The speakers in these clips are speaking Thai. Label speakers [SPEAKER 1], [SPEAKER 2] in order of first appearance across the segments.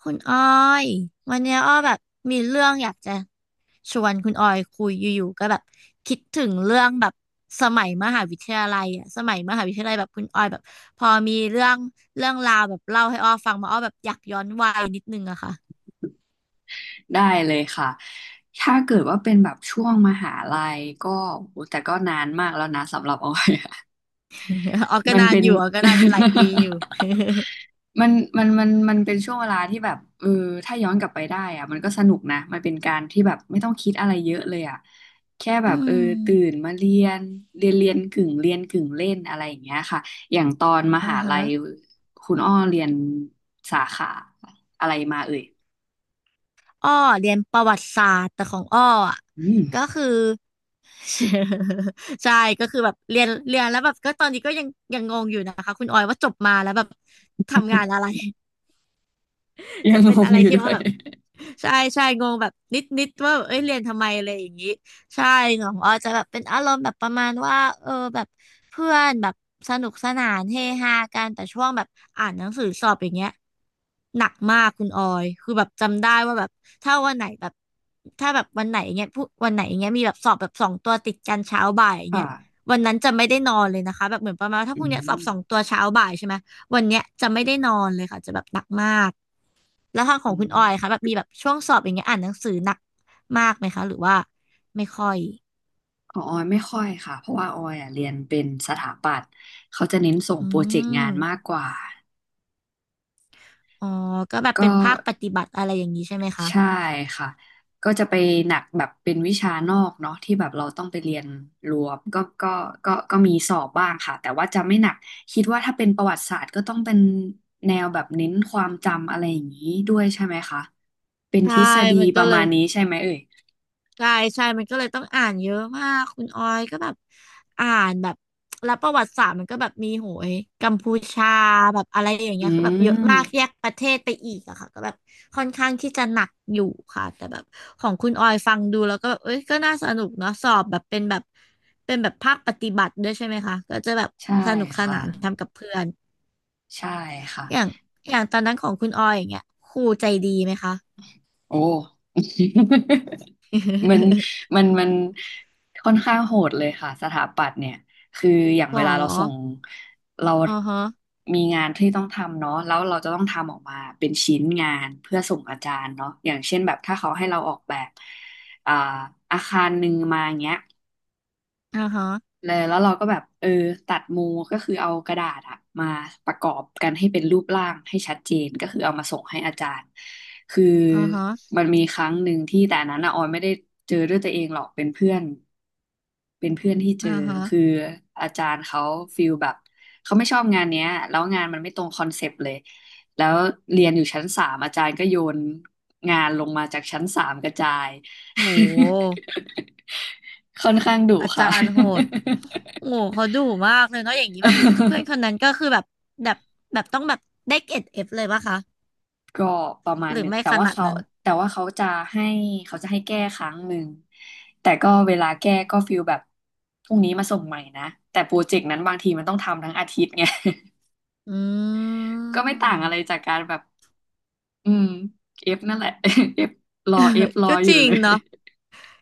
[SPEAKER 1] คุณออยวันเนี้ยอ้อแบบมีเรื่องอยากจะชวนคุณออยคุยอยู่ๆก็แบบคิดถึงเรื่องแบบสมัยมหาวิทยาลัยอะสมัยมหาวิทยาลัยแบบคุณออยแบบพอมีเรื่องเรื่องราวแบบเล่าให้อ้อฟังมาอ้อแบบอยากย้อนวัยนิดนึงอะค่ะ
[SPEAKER 2] ได้เลยค่ะถ้าเกิดว่าเป็นแบบช่วงมหาลัยก็โอ้แต่ก็นานมากแล้วนะสำหรับออยอะ
[SPEAKER 1] อ้อก็
[SPEAKER 2] มัน
[SPEAKER 1] นาน
[SPEAKER 2] เป็น
[SPEAKER 1] อยู่อ้อก็นานอยู่หลายปีอยู่
[SPEAKER 2] มันมันเป็นช่วงเวลาที่แบบเออถ้าย้อนกลับไปได้อะมันก็สนุกนะมันเป็นการที่แบบไม่ต้องคิดอะไรเยอะเลยอะแค่แบบ
[SPEAKER 1] อื
[SPEAKER 2] เออ
[SPEAKER 1] ม
[SPEAKER 2] ตื่นมาเรียนกึ่งเรียนกึ่งเล่นอะไรอย่างเงี้ยค่ะอย่างตอนม
[SPEAKER 1] อ่า
[SPEAKER 2] หา
[SPEAKER 1] ฮะ
[SPEAKER 2] ลัยคุณอ้อเรียนสาขาอะไรมาเอ่ย
[SPEAKER 1] อ้อเรียนประวัติศาสตร์แต่ของอ้ออะ
[SPEAKER 2] อื
[SPEAKER 1] ก็
[SPEAKER 2] ม
[SPEAKER 1] คือ ใช่ก็คือแบบเรียนแล้วแบบก็ตอนนี้ก็ยังงงอยู่นะคะคุณออยว่าจบมาแล้วแบบทำงานอะไร จะ
[SPEAKER 2] ยัง
[SPEAKER 1] เป็
[SPEAKER 2] ง
[SPEAKER 1] น
[SPEAKER 2] ง
[SPEAKER 1] อะไร
[SPEAKER 2] อยู่
[SPEAKER 1] ที่
[SPEAKER 2] ด้ว
[SPEAKER 1] ว่า
[SPEAKER 2] ย
[SPEAKER 1] แบบใช่ใช่งงแบบนิดว่าเอ้ยเรียนทำไมอะไรอย่างนี้ใช่ของออจะแบบเป็นอารมณ์แบบประมาณว่าแบบเพื่อนแบบสนุกสนานเฮฮากันแต่ช่วงแบบอ่านหนังสือสอบอย่างเงี้ยหนักมากคุณออยคือแบบจำได้ว่าแบบถ้าวันไหนแบบถ้าแบบวันไหนเงี้ยวันไหนเงี้ยมีแบบสอบแบบสองตัวติดกันเช้าบ่ายอย่างเงี้ย
[SPEAKER 2] ค่ะ
[SPEAKER 1] วันนั้นจะไม่ได้นอนเลยนะคะแบบเหมือนประมาณว่าถ้า
[SPEAKER 2] อื
[SPEAKER 1] พรุ่งเนี้ยสอบ
[SPEAKER 2] ม
[SPEAKER 1] สองตัวเช้าบ่ายใช่ไหมวันเนี้ยจะไม่ได้นอนเลยค่ะจะแบบหนักมาก แล้วทางข
[SPEAKER 2] อื
[SPEAKER 1] องคุณออยคะ
[SPEAKER 2] ม
[SPEAKER 1] แบบมีแบบช่วงสอบอย่างเงี้ยอ่านหนังสือหนักมากไหมคะหรือว่าไม่ค่อย
[SPEAKER 2] ของออยไม่ค่อยค่ะ เพราะว่าออยอ่ะเรียนเป็นสถาปัตย์เขาจะเน้นส่ง
[SPEAKER 1] อื
[SPEAKER 2] โปรเจกต์งานมาก
[SPEAKER 1] ม
[SPEAKER 2] กว่า
[SPEAKER 1] อ๋อ ก็แบบ
[SPEAKER 2] ก็
[SPEAKER 1] เป็นภาคปฏิบัติอะไรอย่างนี้ใช่ไหมคะ
[SPEAKER 2] ใช่ค่ะ ก็จะไปหนักแบบเป็นวิชานอกเนาะที่แบบเราต้องไปเรียนรวมก็มีสอบบ้างค่ะ แต่ว่าจะไม่หนัก คิดว่าถ้าเป็นประวัติศาสตร์ก็ต้องเป็นแนวแบบเน้นความจำอะไรอย่างนี้ด้วยใช่ไหมคะ เป็นท
[SPEAKER 1] ใช่
[SPEAKER 2] ฤษฎี
[SPEAKER 1] มัน
[SPEAKER 2] ป
[SPEAKER 1] ก็
[SPEAKER 2] ระ
[SPEAKER 1] เล
[SPEAKER 2] มา
[SPEAKER 1] ย
[SPEAKER 2] ณนี้ใช่ไหมเอ่ย
[SPEAKER 1] ใช่ใช่มันก็เลยต้องอ่านเยอะมากคุณออยก็แบบอ่านแบบแล้วประวัติศาสตร์มันก็แบบมีโหยกัมพูชาแบบอะไรอย่าง
[SPEAKER 2] อื
[SPEAKER 1] เงี้ยคือแบบเยอะ
[SPEAKER 2] ม
[SPEAKER 1] มากแยกประเทศไปอีกอะค่ะก็แบบค่อนข้างที่จะหนักอยู่ค่ะ แต่แบบของคุณออยฟังดูแล้วก็แบบเอ้ยก็น่าสนุกเนาะสอบแบบเป็นแบบภาคปฏิบัติด้วยใช่ไหมคะ ก็จะแบบ
[SPEAKER 2] ใช่
[SPEAKER 1] สนุกส
[SPEAKER 2] ค
[SPEAKER 1] นาน
[SPEAKER 2] ่ะ
[SPEAKER 1] ทำกับเพื่อน
[SPEAKER 2] ใช่ค่ะ
[SPEAKER 1] อย่างอย่างตอนนั้นของคุณออยอย่างเงี้ยครูใจดีไหมคะ
[SPEAKER 2] โอ้ มันมันค่อนข้างโหดเลยค่ะสถาปัตย์เนี่ย คืออย่าง
[SPEAKER 1] หร
[SPEAKER 2] เว
[SPEAKER 1] อ
[SPEAKER 2] ลาเราส่ง เรา
[SPEAKER 1] อ่าฮะ
[SPEAKER 2] มีงานที่ต้องทำเนาะแล้วเราจะต้องทำออกมาเป็นชิ้นงานเพื่อส่งอาจารย์เนาะอย่างเช่นแบบถ้าเขาให้เราออกแบบอ่าอาคารหนึ่งมาอย่างเงี้ย
[SPEAKER 1] อ่าฮะ
[SPEAKER 2] เลยแล้วเราก็แบบเออตัดมูก็คือเอากระดาษอะมาประกอบกันให้เป็นรูปร่างให้ชัดเจนก็คือเอามาส่งให้อาจารย์คือ
[SPEAKER 1] อ่าฮะ
[SPEAKER 2] มันมีครั้งหนึ่งที่แต่อันนั้นอะออยไม่ได้เจอด้วยตัวเองหรอกเป็นเพื่อนเป็นเพื่อนที่เจอ
[SPEAKER 1] อ่าฮะ
[SPEAKER 2] คืออาจารย์เขาฟีลแบบเขาไม่ชอบงานเนี้ยแล้วงานมันไม่ตรงคอนเซปต์เลยแล้วเรียนอยู่ชั้นสามอาจารย์ก็โยนงานลงมาจากชั้นสามกระจาย
[SPEAKER 1] โห
[SPEAKER 2] ค่อนข้างดุ
[SPEAKER 1] อา
[SPEAKER 2] ค่ะ
[SPEAKER 1] จารย์โหด โหเขาดุมากเลยเนาะอย่างนี้แบบเพื่อนคนนั้นก็คือแบบแบบต้องแบบได้เกรดเอฟเลยปะคะ
[SPEAKER 2] ก็ประมาณ
[SPEAKER 1] หรื
[SPEAKER 2] ห
[SPEAKER 1] อ
[SPEAKER 2] นึ่ง
[SPEAKER 1] ไม่
[SPEAKER 2] แต่
[SPEAKER 1] ข
[SPEAKER 2] ว่า
[SPEAKER 1] นาด
[SPEAKER 2] เขา
[SPEAKER 1] นั้น
[SPEAKER 2] แต่ว่าเขาให้จะให้แก้ครั้งหนึ่งแต่ก็เวลาแก้ก็ฟีลแบบพรุ่งนี้มาส่งใหม่นะแต่โปรเจกต์นั้นบางทีมันต้องทำทั้งอาทิตย์ไง
[SPEAKER 1] อื
[SPEAKER 2] ก็ไม่ต่างอะไร
[SPEAKER 1] ม
[SPEAKER 2] จากการแบบอืมเอฟนั่นแหละ เอฟร อ
[SPEAKER 1] เออ
[SPEAKER 2] เอฟรอ
[SPEAKER 1] ก็
[SPEAKER 2] อ
[SPEAKER 1] จ
[SPEAKER 2] ยู่
[SPEAKER 1] ริง
[SPEAKER 2] เลย
[SPEAKER 1] เนาะ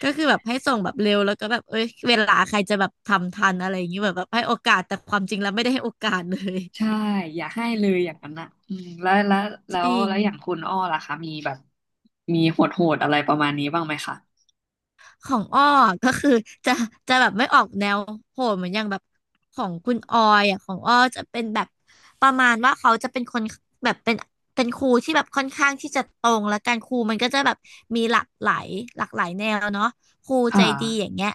[SPEAKER 1] ก็คือแบบให้ส่งแบบเร็วแล้วก็แบบเอ้ยเวลาใครจะแบบทำทันอะไรอย่างนี้แบบให้โอกาสแต่ความจริงแล้วไม่ได้ให้โอกาสเลย
[SPEAKER 2] ใช่อย่าให้เลยอย่างนั้นอ่ะอืมแล้วแล้ว
[SPEAKER 1] จ
[SPEAKER 2] แล้ว
[SPEAKER 1] ริง
[SPEAKER 2] แล้วอย่างคุณอ้อล่ะคะมีแบบ มีโหดๆอะไรประมาณนี้บ้างไหมคะ
[SPEAKER 1] ของอ้อก็คือจะจะแบบไม่ออกแนวโหดเหมือนอย่างแบบของคุณออยอ่ะของอ้อจะเป็นแบบประมาณว่าเขาจะเป็นคนแบบเป็นครูที่แบบค่อนข้างที่จะตรงและการครูมันก็จะแบบมีหลากหลายแนวเนาะครูใจ
[SPEAKER 2] ค่ะ
[SPEAKER 1] ดีอย่างเงี้ย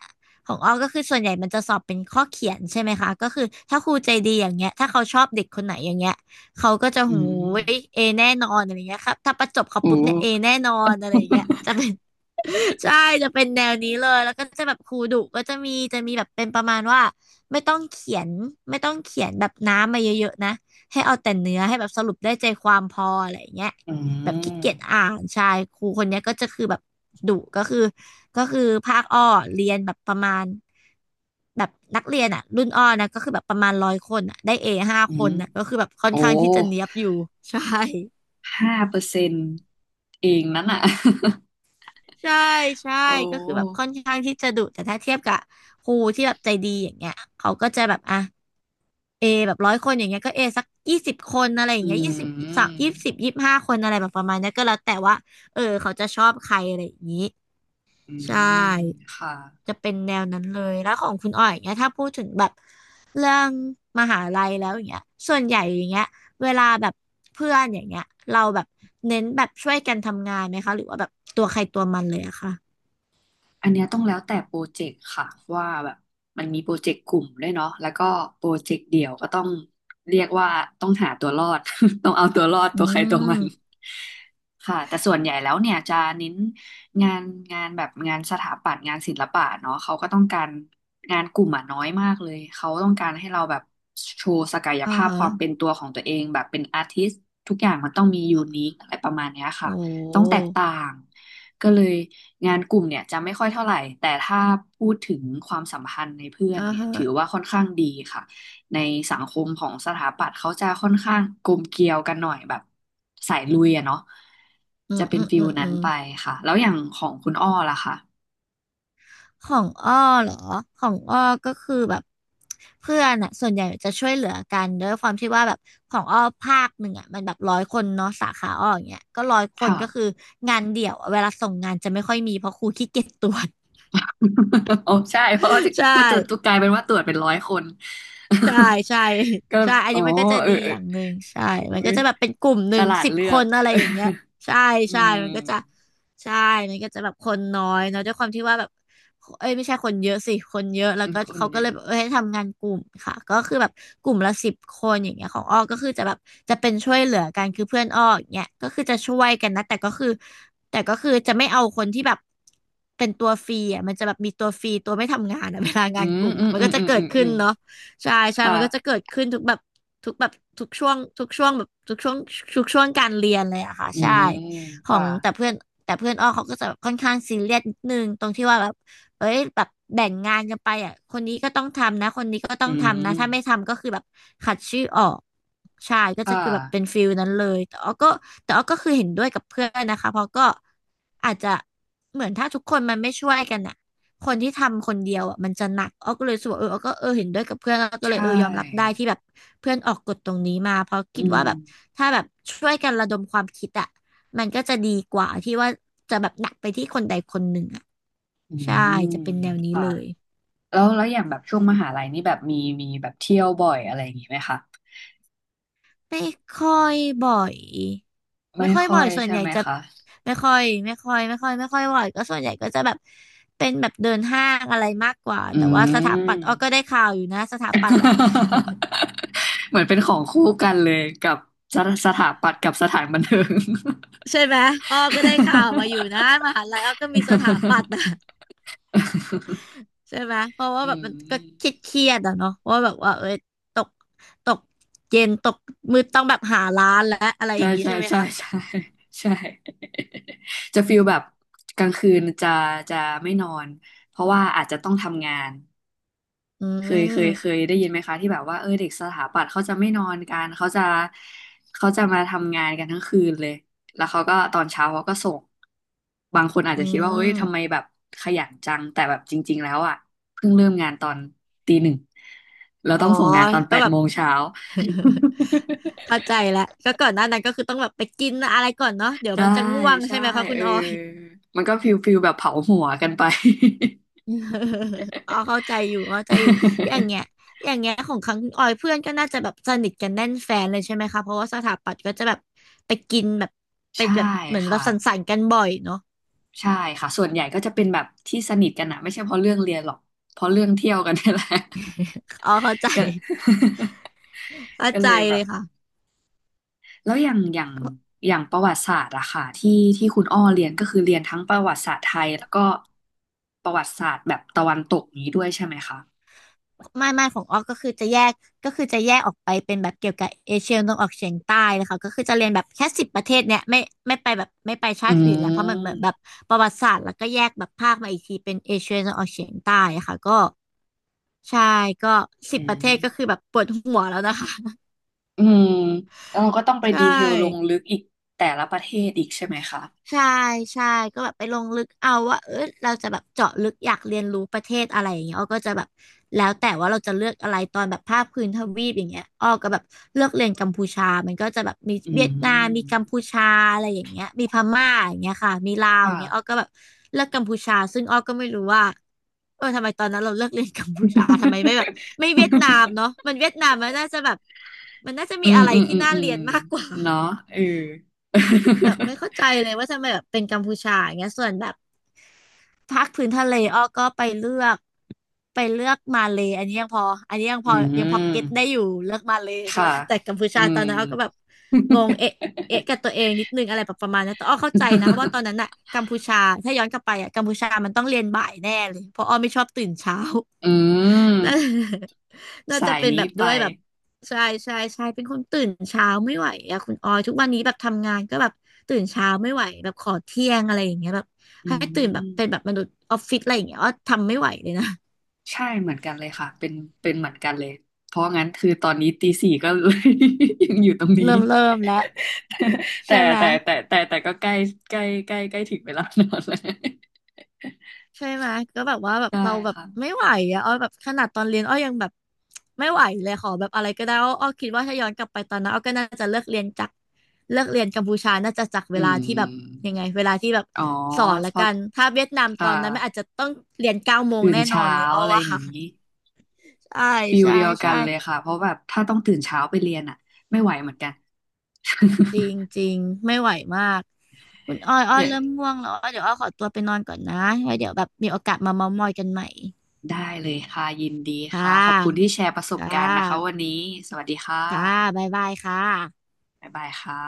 [SPEAKER 1] ของอ้อก็คือส่วนใหญ่มันจะสอบเป็นข้อเขียนใช่ไหมคะก็คือถ้าครูใจดีอย่างเงี้ยถ้าเขาชอบเด็กคนไหนอย่างเงี้ยเขาก็จะ
[SPEAKER 2] อื
[SPEAKER 1] ย
[SPEAKER 2] ม
[SPEAKER 1] เอแน่นอนอะไรเงี้ยครับถ้าประจบเขา
[SPEAKER 2] โอ้
[SPEAKER 1] ปุ๊บเนี่ยเอแน่นอนอะไรอย่างเงี้ยจะ เป็น ใช่จะเป็นแนวนี้เลยแล้วก็จะแบบครูดุก็จะมีแบบเป็นประมาณว่าไม่ต้องเขียนไม่ต้องเขียนแบบน้ำมาเยอะๆนะให้เอาแต่เนื้อให้แบบสรุปได้ใจความพออะไรอย่างเงี้ย
[SPEAKER 2] อื
[SPEAKER 1] แบบขี้
[SPEAKER 2] ม
[SPEAKER 1] เกียจอ่านใช่ครูคนเนี้ยก็จะคือแบบดุก็คือภาคอ้อเรียนแบบประมาณแบบนักเรียนอ่ะรุ่นอ้อนะก็คือแบบประมาณร้อยคนอ่ะได้เอห้า
[SPEAKER 2] อื
[SPEAKER 1] ค
[SPEAKER 2] ม
[SPEAKER 1] นอ่ะก็คือแบบค่อน
[SPEAKER 2] โอ้
[SPEAKER 1] ข้างที่จะเนี๊ยบอยู่ ใช่
[SPEAKER 2] 5%เองนั้นอ่ะ
[SPEAKER 1] ใช่ใช่
[SPEAKER 2] โอ้
[SPEAKER 1] ก็คือแบบค่อนข้างที่จะดุแต่ถ้าเทียบกับครูที่แบบใจดีอย่างเงี้ยเขาก็จะแบบอ่ะเอแบบร้อยคนอย่างเงี้ยก็เอสัก20 คนอะไรอย่า
[SPEAKER 2] อื
[SPEAKER 1] งเงี้ยยี่สิบสามยี่สิบ
[SPEAKER 2] ม
[SPEAKER 1] 25 คนอะไรแบบประมาณเนี้ยก็แล้วแต่ว่าเออเขาจะชอบใครอะไรอย่างงี้
[SPEAKER 2] อื
[SPEAKER 1] ใช่
[SPEAKER 2] มค่ะ
[SPEAKER 1] จะเป็นแนวนั้นเลยแล้วของคุณอ้อยอย่างเงี้ยถ้าพูดถึงแบบเรื่องมหาลัยแล้วอย่างเงี้ยส่วนใหญ่อย่างเงี้ยเวลาแบบเพื่อนอย่างเงี้ยเราแบบเน้นแบบช่วยกันทำงานไหมคะหรือว่าแบบตัวใครตัวมันเลยอะคะ
[SPEAKER 2] อันเนี้ยต้องแล้วแต่โปรเจกต์ค่ะว่าแบบมันมีโปรเจกต์กลุ่มด้วยเนาะแล้วก็โปรเจกต์เดี่ยวก็ต้องเรียกว่าต้องหาตัวรอด ต้องเอาตัวรอด
[SPEAKER 1] อื
[SPEAKER 2] ตัวใครตัวมัน
[SPEAKER 1] ม
[SPEAKER 2] ค่ะแต่ส่วนใหญ่แล้วเนี่ยจะเน้นงานงานแบบงานสถาปัตย์งานศิลปะเนาะเขาก็ต้องการงานกลุ่มอ่ะน้อยมากเลยเขาต้องการให้เราแบบโชว์ศักย
[SPEAKER 1] อ่า
[SPEAKER 2] ภาพ
[SPEAKER 1] ฮะ
[SPEAKER 2] ความเป็นตัวของตัวเองแบบเป็นอาร์ติสต์ทุกอย่างมันต้องมียูนิคอะไรประมาณเนี้ยค่ะ
[SPEAKER 1] โอ้
[SPEAKER 2] ต้องแตกต่าง ก็เลยงานกลุ่มเนี่ยจะไม่ค่อยเท่าไหร่แต่ถ้าพูดถึงความสัมพันธ์ในเพื่อน
[SPEAKER 1] อ่า
[SPEAKER 2] เนี่ย
[SPEAKER 1] ฮะ
[SPEAKER 2] ถือว่าค่อนข้างดีค่ะในสังคมของสถาปัตย์เขาจะค่อนข้างกลมเกลียวกันหน่อยแบบสายลุยอะเนาะ
[SPEAKER 1] อื
[SPEAKER 2] จะ
[SPEAKER 1] ม
[SPEAKER 2] เป็
[SPEAKER 1] อื
[SPEAKER 2] น
[SPEAKER 1] ม
[SPEAKER 2] ฟิ
[SPEAKER 1] อื
[SPEAKER 2] ล
[SPEAKER 1] ม อื
[SPEAKER 2] นั้น
[SPEAKER 1] ม
[SPEAKER 2] ไปค่ะแล้วอย่างของคุณอ้อล่ะคะ
[SPEAKER 1] ของอ้อเหรอ ของอ้อก็คือแบบเพื่อนอะส่วนใหญ่จะช่วยเหลือกันด้วยความที่ว่าแบบของอ้อภาคหนึ่งอะมันแบบร้อยคนเนาะสาขาอ้ออย่างเงี้ยก็ร้อยคน
[SPEAKER 2] ค่ะ
[SPEAKER 1] ก็คืองานเดี่ยวอะเวลาส่งงานจะไม่ค่อยมีเพราะครูขี้เกียจตรวจ
[SPEAKER 2] โอ้ใช่เพราะว่า
[SPEAKER 1] ใช่
[SPEAKER 2] ก็จะกลายเป็นว่าตรวจเป็นร้อยคน
[SPEAKER 1] ใช่ใช่
[SPEAKER 2] ก็
[SPEAKER 1] ใช่อัน
[SPEAKER 2] อ๋อ
[SPEAKER 1] นี้มันก็จะ
[SPEAKER 2] เออ
[SPEAKER 1] ดี
[SPEAKER 2] เอ
[SPEAKER 1] อ
[SPEAKER 2] อ
[SPEAKER 1] ย่างหนึ่งใช่มัน
[SPEAKER 2] เอ้
[SPEAKER 1] ก็
[SPEAKER 2] ย
[SPEAKER 1] จะแบบเป็นกลุ่มห
[SPEAKER 2] ฉ
[SPEAKER 1] นึ่ง
[SPEAKER 2] ลาด
[SPEAKER 1] สิบ
[SPEAKER 2] เลื
[SPEAKER 1] ค
[SPEAKER 2] อก
[SPEAKER 1] นอะไรอย่างเงี้ยใช่
[SPEAKER 2] อื
[SPEAKER 1] ใช่มัน
[SPEAKER 2] ม
[SPEAKER 1] ก็จะใช่มันก็จะแบบคนน้อยเนาะด้วยความที่ว่าแบบเอ้ยไม่ใช่คนเยอะสิคนเยอะแล้วก็
[SPEAKER 2] คน
[SPEAKER 1] เขา
[SPEAKER 2] เย
[SPEAKER 1] ก็เล
[SPEAKER 2] อะ
[SPEAKER 1] ยแบบเอ้ยให้ทำงานกลุ่มค่ะก็คือแบบกลุ่มละสิบคนอย่างเงี้ยของอ้อก็คือจะแบบจะเป็นช่วยเหลือกันคือเพื่อนอ้ออย่างเงี้ยก็คือจะช่วยกันนะแต่ก็คือจะไม่เอาคนที่แบบเป็นตัวฟรีอ่ะมันจะแบบมีตัวฟรีตัวไม่ทำงานอ่ะ เวลา
[SPEAKER 2] อื
[SPEAKER 1] งานก
[SPEAKER 2] ม
[SPEAKER 1] ลุ่ม
[SPEAKER 2] อื
[SPEAKER 1] อ่ะ
[SPEAKER 2] ม
[SPEAKER 1] มัน
[SPEAKER 2] อื
[SPEAKER 1] ก็
[SPEAKER 2] ม
[SPEAKER 1] จะ
[SPEAKER 2] อืม
[SPEAKER 1] เกิ
[SPEAKER 2] อื
[SPEAKER 1] ด
[SPEAKER 2] มอื
[SPEAKER 1] ขึ้น
[SPEAKER 2] ม
[SPEAKER 1] เนาะ ใช่ใช่
[SPEAKER 2] ค่ะ
[SPEAKER 1] มันก็จะเกิดขึ้นทุกแบบทุกช่วงทุกช่วงการเรียนเลยอะค่ะ
[SPEAKER 2] อื
[SPEAKER 1] ใช่
[SPEAKER 2] ม
[SPEAKER 1] ขอ
[SPEAKER 2] ค่ะ
[SPEAKER 1] งแต่เพื่อนแต่เพื่อนอ้อเขาก็จะแบบค่อนข้างซีเรียสนิดนึงตรงที่ว่าแบบเอ้ยแบบแบ่งงานกันไปอ่ะคนนี้ก็ต้องทำนะคนนี้ก็ต้อ
[SPEAKER 2] อื
[SPEAKER 1] งทำนะ
[SPEAKER 2] ม
[SPEAKER 1] ถ้าไม่ทำก็คือแบบขัดชื่อออกใช่ก็
[SPEAKER 2] ค่
[SPEAKER 1] จะคือแบบเป็น
[SPEAKER 2] ะ
[SPEAKER 1] ฟิลนั้นเลยแต่อ้อก็คือเห็นด้วยกับเพื่อนนะคะเพราะก็อาจจะเหมือนถ้าทุกคนมันไม่ช่วยกันอ่ะ คนที่ทำคนเดียวอ่ะมันจะหนักอ้อก็เลยรู้สกวาเอออ้อก็เออเห็นด้วยกับเพื่อนอ้อก็
[SPEAKER 2] ใช
[SPEAKER 1] เลยเออยอมรับได้
[SPEAKER 2] ่
[SPEAKER 1] ที่แบบเพื่อนออกกฎตรงนี้มาเพราะ
[SPEAKER 2] อื
[SPEAKER 1] คิด
[SPEAKER 2] ม
[SPEAKER 1] ว่าแบบถ้าแบบช่วยกันระดมความคิดอ่ะมันก็จะดีกว่าที่ว่าจะแบบหนักไปที่คนใดคนหนึ่งอ่ะ
[SPEAKER 2] อื
[SPEAKER 1] ใช่
[SPEAKER 2] ม
[SPEAKER 1] จะเป็นแนวนี้
[SPEAKER 2] ค่ะ
[SPEAKER 1] เลย
[SPEAKER 2] แล้วอย่างแบบช่วงมหาลัยนี่แบบมีมีแบบเที่ยวบ่อยอะไรอย่างงี้ไหมคะ
[SPEAKER 1] ไม่ค่อยบ่อยไม่
[SPEAKER 2] ไม่
[SPEAKER 1] ค่อย
[SPEAKER 2] ค่
[SPEAKER 1] บ่
[SPEAKER 2] อ
[SPEAKER 1] อย
[SPEAKER 2] ย
[SPEAKER 1] ส่วน
[SPEAKER 2] ใช่
[SPEAKER 1] ใหญ่
[SPEAKER 2] ไหม
[SPEAKER 1] จะ
[SPEAKER 2] คะ
[SPEAKER 1] ไม่ค่อยบ่อยก็ส่วนใหญ่ก็จะแบบเป็นแบบเดินห้างอะไรมากกว่า
[SPEAKER 2] อื
[SPEAKER 1] แต่ว่าสถาปั
[SPEAKER 2] ม
[SPEAKER 1] ตย์อ้อก็ได้ข่าวอยู่นะสถาปัตย์อ่ะ
[SPEAKER 2] เหมือนเป็นของคู่กันเลยกับสถาปัตย์กับสถานบันเทิง
[SPEAKER 1] ใช่ไหมอ้อก็ได้ข่าวมาอยู่นะมหาลัยอ้อก็มีสถาปัตย์นะใช่ไหมเพราะ ว่า
[SPEAKER 2] อื
[SPEAKER 1] แบบมันก็
[SPEAKER 2] ม
[SPEAKER 1] คิดเครียดๆอะเนาะว่าแบบว่าเอ้ยตกตกเย็นตกมืดต้องแบบหาร้านและอะไรอ
[SPEAKER 2] ใช่
[SPEAKER 1] ย่างนี้
[SPEAKER 2] ใช่
[SPEAKER 1] ใช่ไหม
[SPEAKER 2] ใช่
[SPEAKER 1] คะ
[SPEAKER 2] ใช่ใช่จะฟีลแบบกลางคืนจะจะไม่นอนเพราะว่าอาจจะต้องทำงาน
[SPEAKER 1] อื
[SPEAKER 2] เคยเคยเค
[SPEAKER 1] ม
[SPEAKER 2] ยได้ยินไหมคะที่แบบว่าเออเด็กสถาปัตย์เขาจะไม่นอนกันเขาจะเขาจะมาทำงานกันทั้งคืนเลยแล้วเขาก็ตอนเช้าเขาก็ส่งบางคนอาจ
[SPEAKER 1] อื
[SPEAKER 2] จะคิดว่าเอ้ยทำไม
[SPEAKER 1] ม
[SPEAKER 2] แบบขยันจังแต่แบบจริงๆแล้วอ่ะเพิ่งเริ่มงานตอนตี 1เรา
[SPEAKER 1] อ๋อ
[SPEAKER 2] ต้องส่งงานตอนแป
[SPEAKER 1] ก็
[SPEAKER 2] ด
[SPEAKER 1] แบบ
[SPEAKER 2] โมงเช้า
[SPEAKER 1] เข้าใจแล้วก็ก่อนหน้านั้นก็คือต้องแบบไปกินอะไรก่อนเนาะเดี๋ยว
[SPEAKER 2] ใช่
[SPEAKER 1] มันจะง่วงใช่
[SPEAKER 2] ใช่
[SPEAKER 1] ไหมคะคุ
[SPEAKER 2] เอ
[SPEAKER 1] ณ
[SPEAKER 2] อ
[SPEAKER 1] ออย
[SPEAKER 2] มันก็ฟิลฟิลแบบเผาหัวกันไป
[SPEAKER 1] อ๋อเข้าใจอยู่เข้าใจอยู่อย่างเงี้ย อย่างเงี้ยของครั้งออยเพื่อนก็น่าจะแบบสนิทกันแน่นแฟนเลยใช่ไหมคะเพราะว่าสถาปัตย์ก็จะแบบไปกินแบบไป
[SPEAKER 2] ใช่
[SPEAKER 1] แบบเหมือนเรา
[SPEAKER 2] ค่ะ
[SPEAKER 1] สังสรรค์กันบ่อยเนาะ
[SPEAKER 2] ใช่ค่ะส่วนใหญ่ก็จะเป็นแบบที่สนิทกันอะไม่ใช่เพราะเรื่องเรียนหรอกเพราะเรื่องเที่ยวกันนี่แหละ
[SPEAKER 1] อ๋อเข้าใจ
[SPEAKER 2] ก็
[SPEAKER 1] เข้า
[SPEAKER 2] ก็
[SPEAKER 1] ใจ
[SPEAKER 2] เลยแบ
[SPEAKER 1] เล
[SPEAKER 2] บ
[SPEAKER 1] ยค่ะ
[SPEAKER 2] แล้วอย่างประวัติศาสตร์อะค่ะที่ที่คุณอ้อเรียนก็คือเรียนทั้งประวัติศาสตร์ไทยแล้วก็ประวัติศาสตร์แบบตะวันตกนี้ด้วยใช่ไหมคะ
[SPEAKER 1] ไม่ของออกก็คือจะแยกก็คือจะแยกออกไปเป็นแบบเกี่ยวกับเอเชียตะวันออกเฉียงใต้เลยค่ะก็คือจะเรียนแบบแค่สิบประเทศเนี่ยไม่ไปแบบไม่ไป
[SPEAKER 2] อื
[SPEAKER 1] ชาติอื่นละเพราะมันเหมือนแบบ
[SPEAKER 2] ม
[SPEAKER 1] ประวัติศาสตร์แล้วก็แยกแบบภาคมาอีกทีเป็นเอเชียตะวันออกเฉียงใต้อะค่ะก็ใช่ก็สิบ
[SPEAKER 2] อื
[SPEAKER 1] ประเท
[SPEAKER 2] ม
[SPEAKER 1] ศก็คือแบบปวดหัวแล้วนะคะ
[SPEAKER 2] อืมแล้วเราก็ต้องไป
[SPEAKER 1] ใช่
[SPEAKER 2] ดีเทลลงลึกอีกแต่ละประเทศอีกใช่ไหมคะ
[SPEAKER 1] ใช่ใช่ก็แบบไปลงลึกเอาว่าเออเราจะแบบเจาะลึกอยากเรียนรู้ประเทศอะไรอย่างเงี้ยอ้อก็จะแบบแล้วแต่ว่าเราจะเลือกอะไรตอนแบบภาคพื้นทวีปอย่างเงี้ยอ้อก็แบบเลือกเรียนกัมพูชามันก็จะแบบมี
[SPEAKER 2] อื
[SPEAKER 1] เวียดนามมีกัม
[SPEAKER 2] ม
[SPEAKER 1] พูชาอะไรอย่างเงี้ยมีพม่าอย่างเงี้ยค่ะมีลาวอ
[SPEAKER 2] ค่ะ
[SPEAKER 1] ย่างเงี้ยอ้อก็แบบเลือกกัมพูชาซึ่งอ้อก็ไม่รู้ว่าเออทำไมตอนนั้นเราเลือกเรียนกัมพูชา ทำไมไม่แบบไม่เวียดนาม เนาะมันเวียดนามมันน่าจะแบบมันน่าจะ
[SPEAKER 2] อื
[SPEAKER 1] มี
[SPEAKER 2] ม
[SPEAKER 1] อะไร
[SPEAKER 2] อืม
[SPEAKER 1] ที่
[SPEAKER 2] อืม
[SPEAKER 1] น่า
[SPEAKER 2] อื
[SPEAKER 1] เรี
[SPEAKER 2] ม
[SPEAKER 1] ยนมากกว่า
[SPEAKER 2] เนาะเออ
[SPEAKER 1] แบบไม่เข้าใจเลยว่าทำไมแบบเป็นกัมพูชาอย่างเงี้ยส่วนแบบภาคพื้นทะเลอ้อก็ไปเลือกมาเลย์อันนี้ยังพออันนี้ยังพ
[SPEAKER 2] อื
[SPEAKER 1] อยังพอ
[SPEAKER 2] ม
[SPEAKER 1] เก็ตได้อยู่เลือกมาเลย์ ใช่
[SPEAKER 2] ค่ะ
[SPEAKER 1] ไหมแต่กัมพู
[SPEAKER 2] อื
[SPEAKER 1] ชาต
[SPEAKER 2] ม
[SPEAKER 1] อนนั้นอ้อก็แบบงงเอ๊ะกับตัวเองนิดนึงอะไรแบบประมาณนั้นแต่อ้อเข้าใจนะเพราะว่าตอน นั้นอะกัมพูชาถ้าย้อนกลับไปอะกัมพูชามันต้องเรียนบ่ายแน่เลยเพราะอ้อไม่ชอบตื่นเช้า
[SPEAKER 2] อืม
[SPEAKER 1] น่า น่าจะ
[SPEAKER 2] สาย
[SPEAKER 1] เป็นแบ
[SPEAKER 2] นี้
[SPEAKER 1] บ
[SPEAKER 2] ไป
[SPEAKER 1] ด้วยแบบใช่ใช่ใช่เป็นคนตื่นเช้าไม่ไหวอะคุณออยทุกวันนี้แบบทำงานก็แบบตื่นเช้าไม่ไหวแบบขอเที่ยงอะไรอย่างเงี้ยแบบ
[SPEAKER 2] อื
[SPEAKER 1] ให้ตื่นแบบ
[SPEAKER 2] ม
[SPEAKER 1] เป็นแบบมนุษย์ออฟฟิศอะไรอย่างเงี้ยอ้อทำไม่ไหวเลยนะ
[SPEAKER 2] ใช่เหมือนกันเลยค่ะเป็นเหมือนกันเลยเพราะงั้นคือตอนนี้ตี 4ก็เลย ยังอยู่ตรงนี้
[SPEAKER 1] เริ่มแล้ว
[SPEAKER 2] แต่
[SPEAKER 1] ใช่ไหม
[SPEAKER 2] แต่แต่แต่แต่ก็ใกล้ใกล้ถึงเวลานอนแล้ว
[SPEAKER 1] ใช่ไหมก็แบบว่าแบ บ
[SPEAKER 2] ใช่
[SPEAKER 1] เราแบบ
[SPEAKER 2] ค่ะ
[SPEAKER 1] ไม่ไหวอะอ้อแบบขนาดตอนเรียนอ้อยังแบบไม่ไหวเลยขอแบบอะไรก็ได้อ้ออ้อคิดว่าถ้าย้อนกลับไปตอนนั้นอ้อก็น่าจะเลิกเรียนจากเลิกเรียนกัมพูชาน่าจะจากเว
[SPEAKER 2] อื
[SPEAKER 1] ลาที่แบบ
[SPEAKER 2] ม
[SPEAKER 1] ยังไงเวลาที่แบบ
[SPEAKER 2] อ๋อ
[SPEAKER 1] สอนละ
[SPEAKER 2] เพ
[SPEAKER 1] กั
[SPEAKER 2] ราะ
[SPEAKER 1] นถ้าเวียดนามตอ
[SPEAKER 2] ค่ะ
[SPEAKER 1] นนั้นไม่อาจจะต้องเรียน9 โมง
[SPEAKER 2] ตื่น
[SPEAKER 1] แน่นอ
[SPEAKER 2] เช้า
[SPEAKER 1] นเลยอ้อ
[SPEAKER 2] อะไร
[SPEAKER 1] ว่า
[SPEAKER 2] อย่างนี้
[SPEAKER 1] ใช่
[SPEAKER 2] ฟิล
[SPEAKER 1] ใช่
[SPEAKER 2] เดียวกั
[SPEAKER 1] ใช่
[SPEAKER 2] นเลยค่ะเพราะแบบถ้าต้องตื่นเช้าไปเรียนอ่ะไม่ไหวเหมือนกัน
[SPEAKER 1] จริงจริงไม่ไหวมากคุณอ้อยอ้ อ
[SPEAKER 2] อย่าง
[SPEAKER 1] เริ่มง่วงแล้วอ้อเดี๋ยวอ้อขอตัวไปนอนก่อนนะไว้เดี๋ยวแบบมีโอกาสมาเม้าท์มอยกันใหม่
[SPEAKER 2] ได้เลยค่ะยินดีค่ะ
[SPEAKER 1] ค่ะ
[SPEAKER 2] ขอบคุณที่แชร์ประสบ
[SPEAKER 1] ค่
[SPEAKER 2] การณ์นะคะวั
[SPEAKER 1] ะ
[SPEAKER 2] นนี้สวัสดีค่
[SPEAKER 1] ค่ะ
[SPEAKER 2] ะ
[SPEAKER 1] บ๊ายบายค่ะ
[SPEAKER 2] บ๊ายบายค่ะ